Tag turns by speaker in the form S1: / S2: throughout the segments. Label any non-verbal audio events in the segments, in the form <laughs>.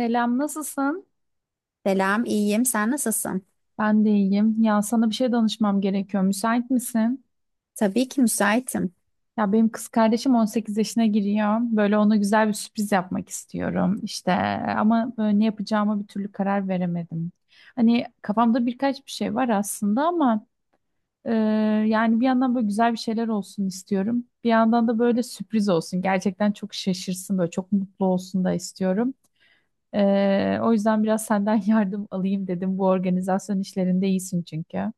S1: Selam, nasılsın?
S2: Selam, iyiyim. Sen nasılsın?
S1: Ben de iyiyim. Ya sana bir şey danışmam gerekiyor. Müsait misin?
S2: Tabii ki müsaitim.
S1: Ya benim kız kardeşim 18 yaşına giriyor. Böyle ona güzel bir sürpriz yapmak istiyorum. İşte ama böyle ne yapacağıma bir türlü karar veremedim. Hani kafamda birkaç bir şey var aslında ama e, yani bir yandan böyle güzel bir şeyler olsun istiyorum. Bir yandan da böyle sürpriz olsun. Gerçekten çok şaşırsın böyle çok mutlu olsun da istiyorum. O yüzden biraz senden <laughs> yardım alayım dedim. Bu organizasyon işlerinde iyisin çünkü.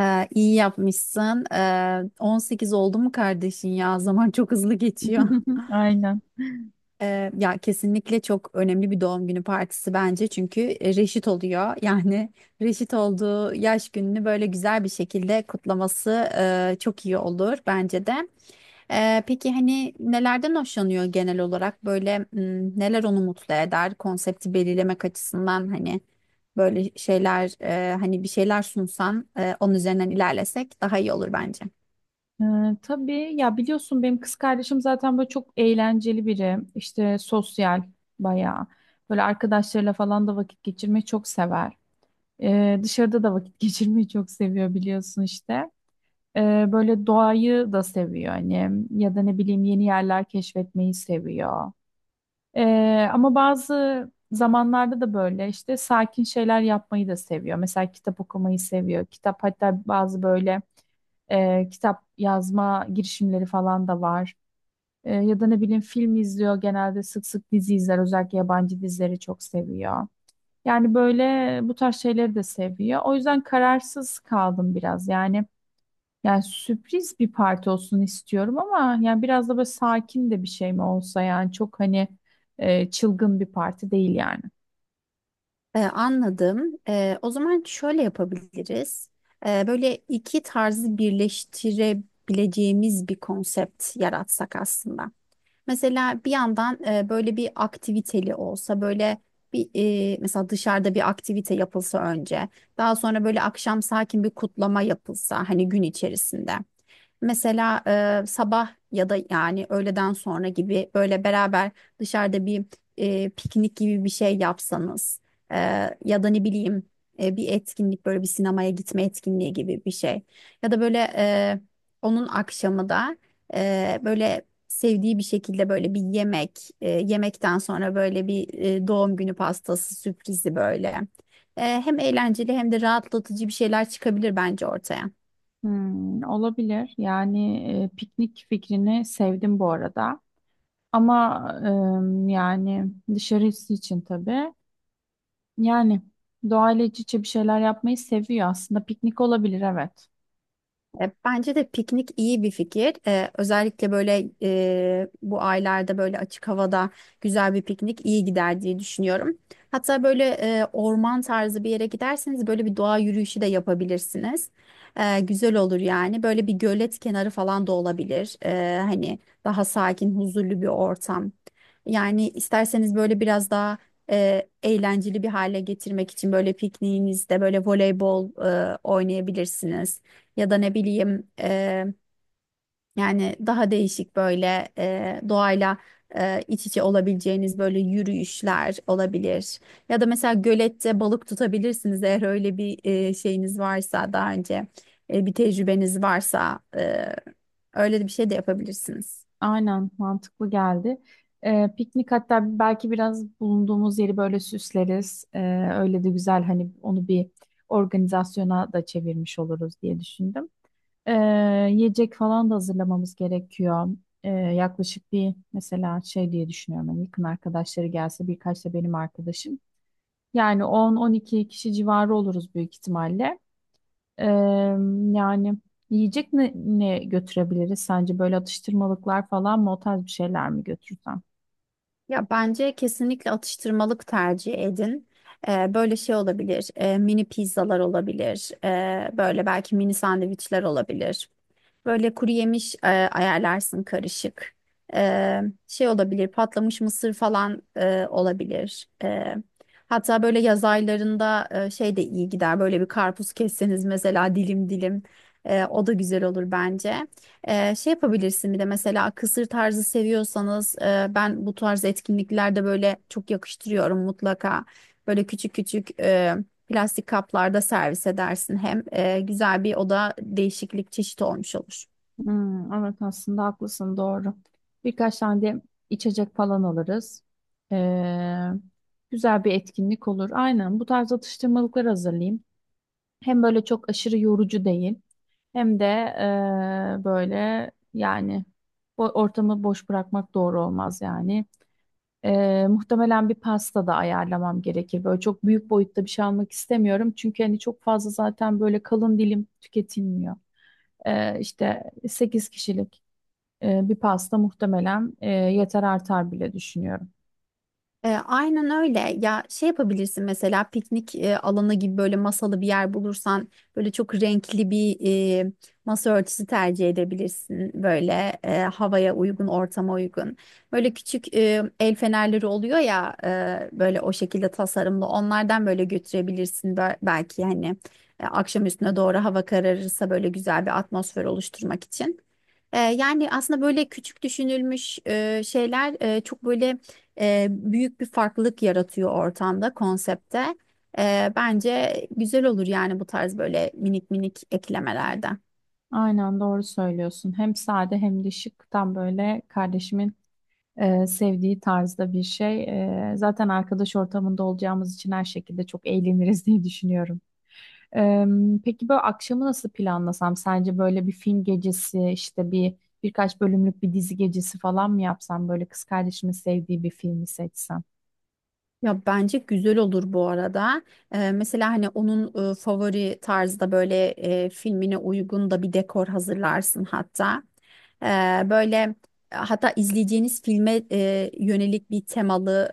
S2: İyi yapmışsın. 18 oldu mu kardeşin ya? <laughs> Zaman çok hızlı geçiyor.
S1: <laughs> Aynen.
S2: Ya kesinlikle çok önemli bir doğum günü partisi bence. Çünkü reşit oluyor. <laughs> Yani reşit olduğu yaş gününü böyle güzel bir şekilde kutlaması çok iyi olur bence de. Peki hani nelerden hoşlanıyor genel olarak böyle neler onu mutlu eder konsepti belirlemek açısından hani böyle şeyler hani bir şeyler sunsan onun üzerinden ilerlesek daha iyi olur bence.
S1: Tabii ya biliyorsun benim kız kardeşim zaten böyle çok eğlenceli biri. İşte sosyal bayağı. Böyle arkadaşlarıyla falan da vakit geçirmeyi çok sever. Dışarıda da vakit <laughs> geçirmeyi çok seviyor biliyorsun işte. Böyle doğayı da seviyor hani ya da ne bileyim yeni yerler keşfetmeyi seviyor. Ama bazı zamanlarda da böyle işte sakin şeyler yapmayı da seviyor. Mesela kitap okumayı seviyor. Kitap hatta bazı böyle kitap yazma girişimleri falan da var. E, ya da ne bileyim film izliyor genelde sık sık dizi izler özellikle yabancı dizileri çok seviyor. Yani böyle bu tarz şeyleri de seviyor. O yüzden kararsız kaldım biraz. Yani sürpriz bir parti olsun istiyorum ama yani biraz da böyle sakin de bir şey mi olsa yani çok hani çılgın bir parti değil yani.
S2: Anladım. O zaman şöyle yapabiliriz. Böyle iki tarzı birleştirebileceğimiz bir konsept yaratsak aslında. Mesela bir yandan böyle bir aktiviteli olsa böyle bir mesela dışarıda bir aktivite yapılsa önce, daha sonra böyle akşam sakin bir kutlama yapılsa hani gün içerisinde. Mesela sabah ya da yani öğleden sonra gibi böyle beraber dışarıda bir piknik gibi bir şey yapsanız, e, ya da ne bileyim bir etkinlik böyle bir sinemaya gitme etkinliği gibi bir şey, ya da böyle onun akşamı da böyle sevdiği bir şekilde böyle bir yemek, yemekten sonra böyle bir doğum günü pastası sürprizi böyle. Hem eğlenceli hem de rahatlatıcı bir şeyler çıkabilir bence ortaya.
S1: Hmm, olabilir. Yani piknik fikrini sevdim bu arada. Ama yani dışarısı için tabii. Yani doğayla iç içe bir şeyler yapmayı seviyor aslında. Piknik olabilir, evet.
S2: Bence de piknik iyi bir fikir. Özellikle böyle bu aylarda böyle açık havada güzel bir piknik iyi gider diye düşünüyorum. Hatta böyle orman tarzı bir yere giderseniz böyle bir doğa yürüyüşü de yapabilirsiniz. Güzel olur yani. Böyle bir gölet kenarı falan da olabilir. Hani daha sakin, huzurlu bir ortam. Yani isterseniz böyle biraz daha eğlenceli bir hale getirmek için böyle pikniğinizde böyle voleybol oynayabilirsiniz ya da ne bileyim yani daha değişik böyle doğayla iç içe olabileceğiniz böyle yürüyüşler olabilir. Ya da mesela gölette balık tutabilirsiniz, eğer öyle bir şeyiniz varsa, daha önce bir tecrübeniz varsa öyle de bir şey de yapabilirsiniz.
S1: Aynen, mantıklı geldi. E, piknik hatta belki biraz bulunduğumuz yeri böyle süsleriz. Öyle de güzel hani onu bir organizasyona da çevirmiş oluruz diye düşündüm. E, Yiyecek falan da hazırlamamız gerekiyor. E, yaklaşık bir mesela şey diye düşünüyorum. Hani yakın arkadaşları gelse birkaç da benim arkadaşım. Yani 10-12 kişi civarı oluruz büyük ihtimalle. Ee, Yani yiyecek ne götürebiliriz sence? Böyle atıştırmalıklar falan mı, o tarz bir şeyler mi götürsem?
S2: Ya bence kesinlikle atıştırmalık tercih edin. Böyle şey olabilir, mini pizzalar olabilir, böyle belki mini sandviçler olabilir. Böyle kuru yemiş ayarlarsın karışık. E, şey olabilir, patlamış mısır falan olabilir. Hatta böyle yaz aylarında şey de iyi gider. Böyle bir karpuz kesseniz mesela, dilim dilim. O da güzel olur bence. Şey yapabilirsin bir de, mesela kısır tarzı seviyorsanız, ben bu tarz etkinliklerde böyle çok yakıştırıyorum mutlaka. Böyle küçük küçük plastik kaplarda servis edersin, hem güzel bir oda değişiklik, çeşit olmuş olur.
S1: Hmm, evet, aslında haklısın, doğru. Birkaç tane de içecek falan alırız. Ee, Güzel bir etkinlik olur. Aynen, bu tarz atıştırmalıklar hazırlayayım. Hem böyle çok aşırı yorucu değil. Hem de böyle yani ortamı boş bırakmak doğru olmaz yani. Muhtemelen bir pasta da ayarlamam gerekir. Böyle çok büyük boyutta bir şey almak istemiyorum. Çünkü hani çok fazla zaten böyle kalın dilim tüketilmiyor. İşte 8 kişilik bir pasta muhtemelen yeter, artar bile düşünüyorum.
S2: Aynen öyle. Ya şey yapabilirsin, mesela piknik alanı gibi böyle masalı bir yer bulursan, böyle çok renkli bir e, masa örtüsü tercih edebilirsin. Böyle havaya uygun, ortama uygun. Böyle küçük el fenerleri oluyor ya, böyle o şekilde tasarımlı. Onlardan böyle götürebilirsin. Belki hani akşam üstüne doğru hava kararırsa, böyle güzel bir atmosfer oluşturmak için. Yani aslında böyle küçük düşünülmüş şeyler çok böyle büyük bir farklılık yaratıyor ortamda, konsepte. Bence güzel olur yani, bu tarz böyle minik minik eklemelerden.
S1: Aynen doğru söylüyorsun. Hem sade hem de şık. Tam böyle kardeşimin sevdiği tarzda bir şey. E, zaten arkadaş ortamında olacağımız için her şekilde çok eğleniriz <laughs> diye düşünüyorum. E, peki böyle akşamı nasıl planlasam? Sence böyle bir film gecesi, işte birkaç bölümlük bir dizi gecesi falan mı yapsam? Böyle kız kardeşimin sevdiği bir filmi seçsem.
S2: Ya bence güzel olur bu arada. Mesela hani onun favori tarzda böyle filmine uygun da bir dekor hazırlarsın hatta. Ee, Böyle hatta izleyeceğiniz filme yönelik bir temalı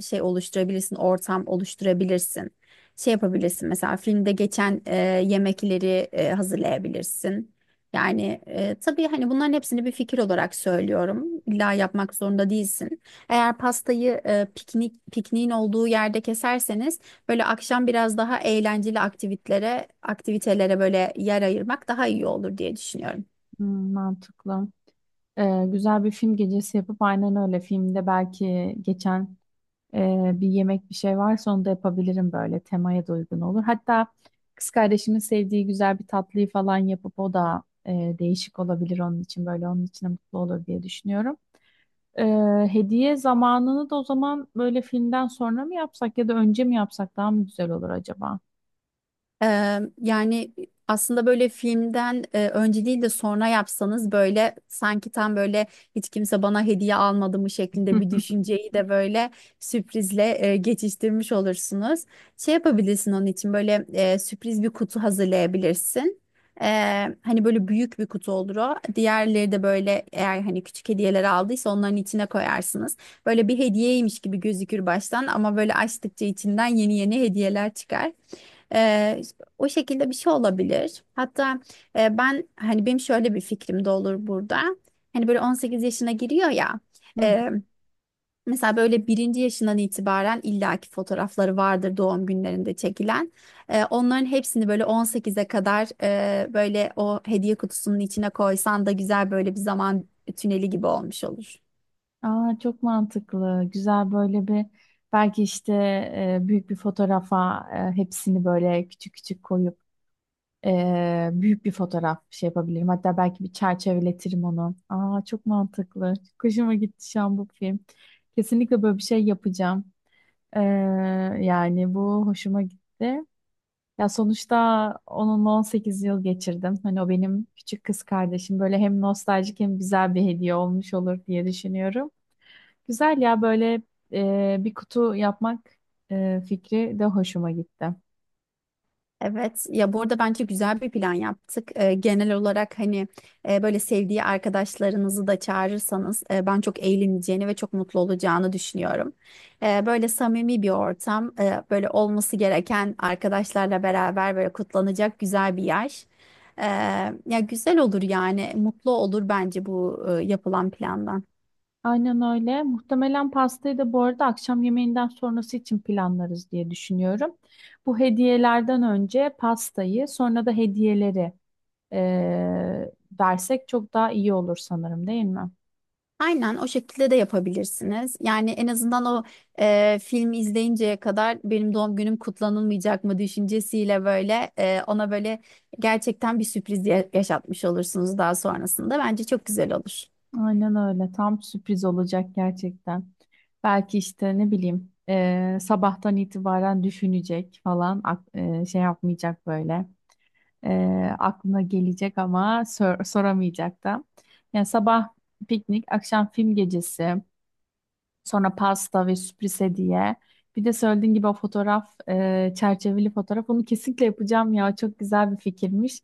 S2: şey oluşturabilirsin, ortam oluşturabilirsin. Şey yapabilirsin, mesela filmde geçen yemekleri hazırlayabilirsin. Yani tabii hani bunların hepsini bir fikir olarak söylüyorum. İlla yapmak zorunda değilsin. Eğer pastayı pikniğin olduğu yerde keserseniz, böyle akşam biraz daha eğlenceli aktivitelere böyle yer ayırmak daha iyi olur diye düşünüyorum.
S1: Hmm, mantıklı. E, güzel bir film gecesi yapıp aynen öyle filmde belki geçen bir yemek bir şey varsa onu da yapabilirim, böyle temaya da uygun olur. Hatta kız kardeşimin sevdiği güzel bir tatlıyı falan yapıp o da değişik olabilir onun için, böyle onun içine mutlu olur diye düşünüyorum. Ee, Hediye zamanını da o zaman böyle filmden sonra mı yapsak ya da önce mi yapsak daha mı güzel olur acaba?
S2: Yani aslında böyle filmden önce değil de sonra yapsanız, böyle sanki tam böyle hiç kimse bana hediye almadı mı şeklinde bir
S1: <laughs>
S2: düşünceyi de böyle sürprizle geçiştirmiş olursunuz. Şey yapabilirsin onun için, böyle sürpriz bir kutu hazırlayabilirsin. Hani böyle büyük bir kutu olur o. Diğerleri de böyle, eğer hani küçük hediyeler aldıysa, onların içine koyarsınız. Böyle bir hediyeymiş gibi gözükür baştan, ama böyle açtıkça içinden yeni yeni hediyeler çıkar. O şekilde bir şey olabilir. Hatta ben hani, benim şöyle bir fikrim de olur burada. Hani böyle 18 yaşına giriyor ya.
S1: Hı.
S2: e, mesela böyle birinci yaşından itibaren illaki fotoğrafları vardır doğum günlerinde çekilen. Onların hepsini böyle 18'e kadar böyle o hediye kutusunun içine koysan da, güzel böyle bir zaman tüneli gibi olmuş olur.
S1: Aa, çok mantıklı. Güzel böyle bir belki işte büyük bir fotoğrafa hepsini böyle küçük küçük koyup büyük bir fotoğraf şey yapabilirim. Hatta belki bir çerçeveletirim onu. Aa, çok mantıklı. Çok hoşuma gitti şu an bu film. Kesinlikle böyle bir şey yapacağım. Ee, Yani bu hoşuma gitti. Ya sonuçta onunla 18 yıl geçirdim. Hani o benim küçük kız kardeşim. Böyle hem nostaljik hem güzel bir hediye olmuş olur diye düşünüyorum. Güzel ya böyle bir kutu yapmak fikri de hoşuma gitti.
S2: Evet ya, bu arada bence güzel bir plan yaptık. Genel olarak hani böyle sevdiği arkadaşlarınızı da çağırırsanız, ben çok eğleneceğini ve çok mutlu olacağını düşünüyorum. Böyle samimi bir ortam, böyle olması gereken arkadaşlarla beraber böyle kutlanacak güzel bir yer. Ee, ya güzel olur yani, mutlu olur bence bu yapılan plandan.
S1: Aynen öyle. Muhtemelen pastayı da bu arada akşam yemeğinden sonrası için planlarız diye düşünüyorum. Bu hediyelerden önce pastayı, sonra da hediyeleri e, versek çok daha iyi olur sanırım, değil mi?
S2: Aynen, o şekilde de yapabilirsiniz. Yani en azından o filmi izleyinceye kadar "benim doğum günüm kutlanılmayacak mı" düşüncesiyle, böyle ona böyle gerçekten bir sürpriz yaşatmış olursunuz daha sonrasında. Bence çok güzel olur.
S1: Aynen öyle. Tam sürpriz olacak gerçekten. Belki işte ne bileyim sabahtan itibaren düşünecek falan şey yapmayacak böyle. Aklına gelecek ama soramayacak da. Yani sabah piknik, akşam film gecesi, sonra pasta ve sürpriz hediye. Bir de söylediğin gibi o fotoğraf, çerçeveli fotoğraf. Onu kesinlikle yapacağım ya. Çok güzel bir fikirmiş.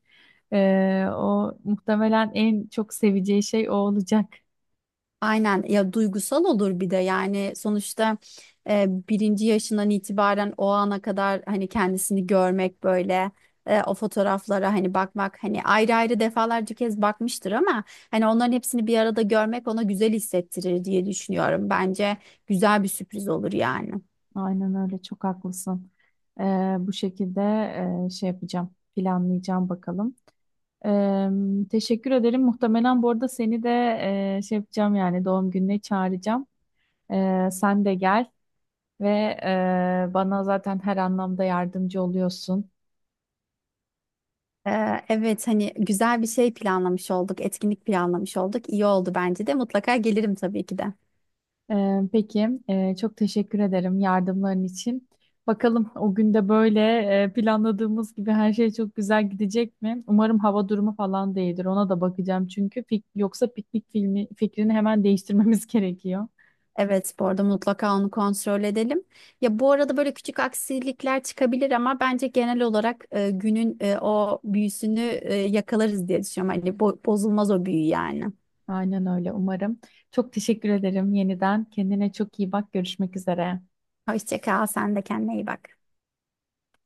S1: O muhtemelen en çok seveceği şey o olacak.
S2: Aynen ya, duygusal olur bir de, yani sonuçta birinci yaşından itibaren o ana kadar hani kendisini görmek, böyle o fotoğraflara hani bakmak, hani ayrı ayrı defalarca kez bakmıştır ama hani onların hepsini bir arada görmek ona güzel hissettirir diye düşünüyorum. Bence güzel bir sürpriz olur yani.
S1: Aynen öyle, çok haklısın. Bu şekilde şey yapacağım, planlayacağım bakalım. Ee, Teşekkür ederim. Muhtemelen bu arada seni de şey yapacağım yani doğum gününe çağıracağım. Sen de gel ve bana zaten her anlamda yardımcı oluyorsun.
S2: Evet, hani güzel bir şey planlamış olduk, etkinlik planlamış olduk. İyi oldu bence de, mutlaka gelirim tabii ki de.
S1: Peki, çok teşekkür ederim yardımların için. Bakalım o günde böyle planladığımız gibi her şey çok güzel gidecek mi? Umarım hava durumu falan değildir. Ona da bakacağım çünkü yoksa piknik filmi fikrini hemen değiştirmemiz <laughs> gerekiyor.
S2: Evet, bu arada mutlaka onu kontrol edelim. Ya bu arada böyle küçük aksilikler çıkabilir, ama bence genel olarak günün o büyüsünü yakalarız diye düşünüyorum. Hani bozulmaz o büyü yani.
S1: Aynen öyle, umarım. Çok teşekkür ederim yeniden. Kendine çok iyi bak. Görüşmek üzere.
S2: Hoşça kal, sen de kendine iyi bak.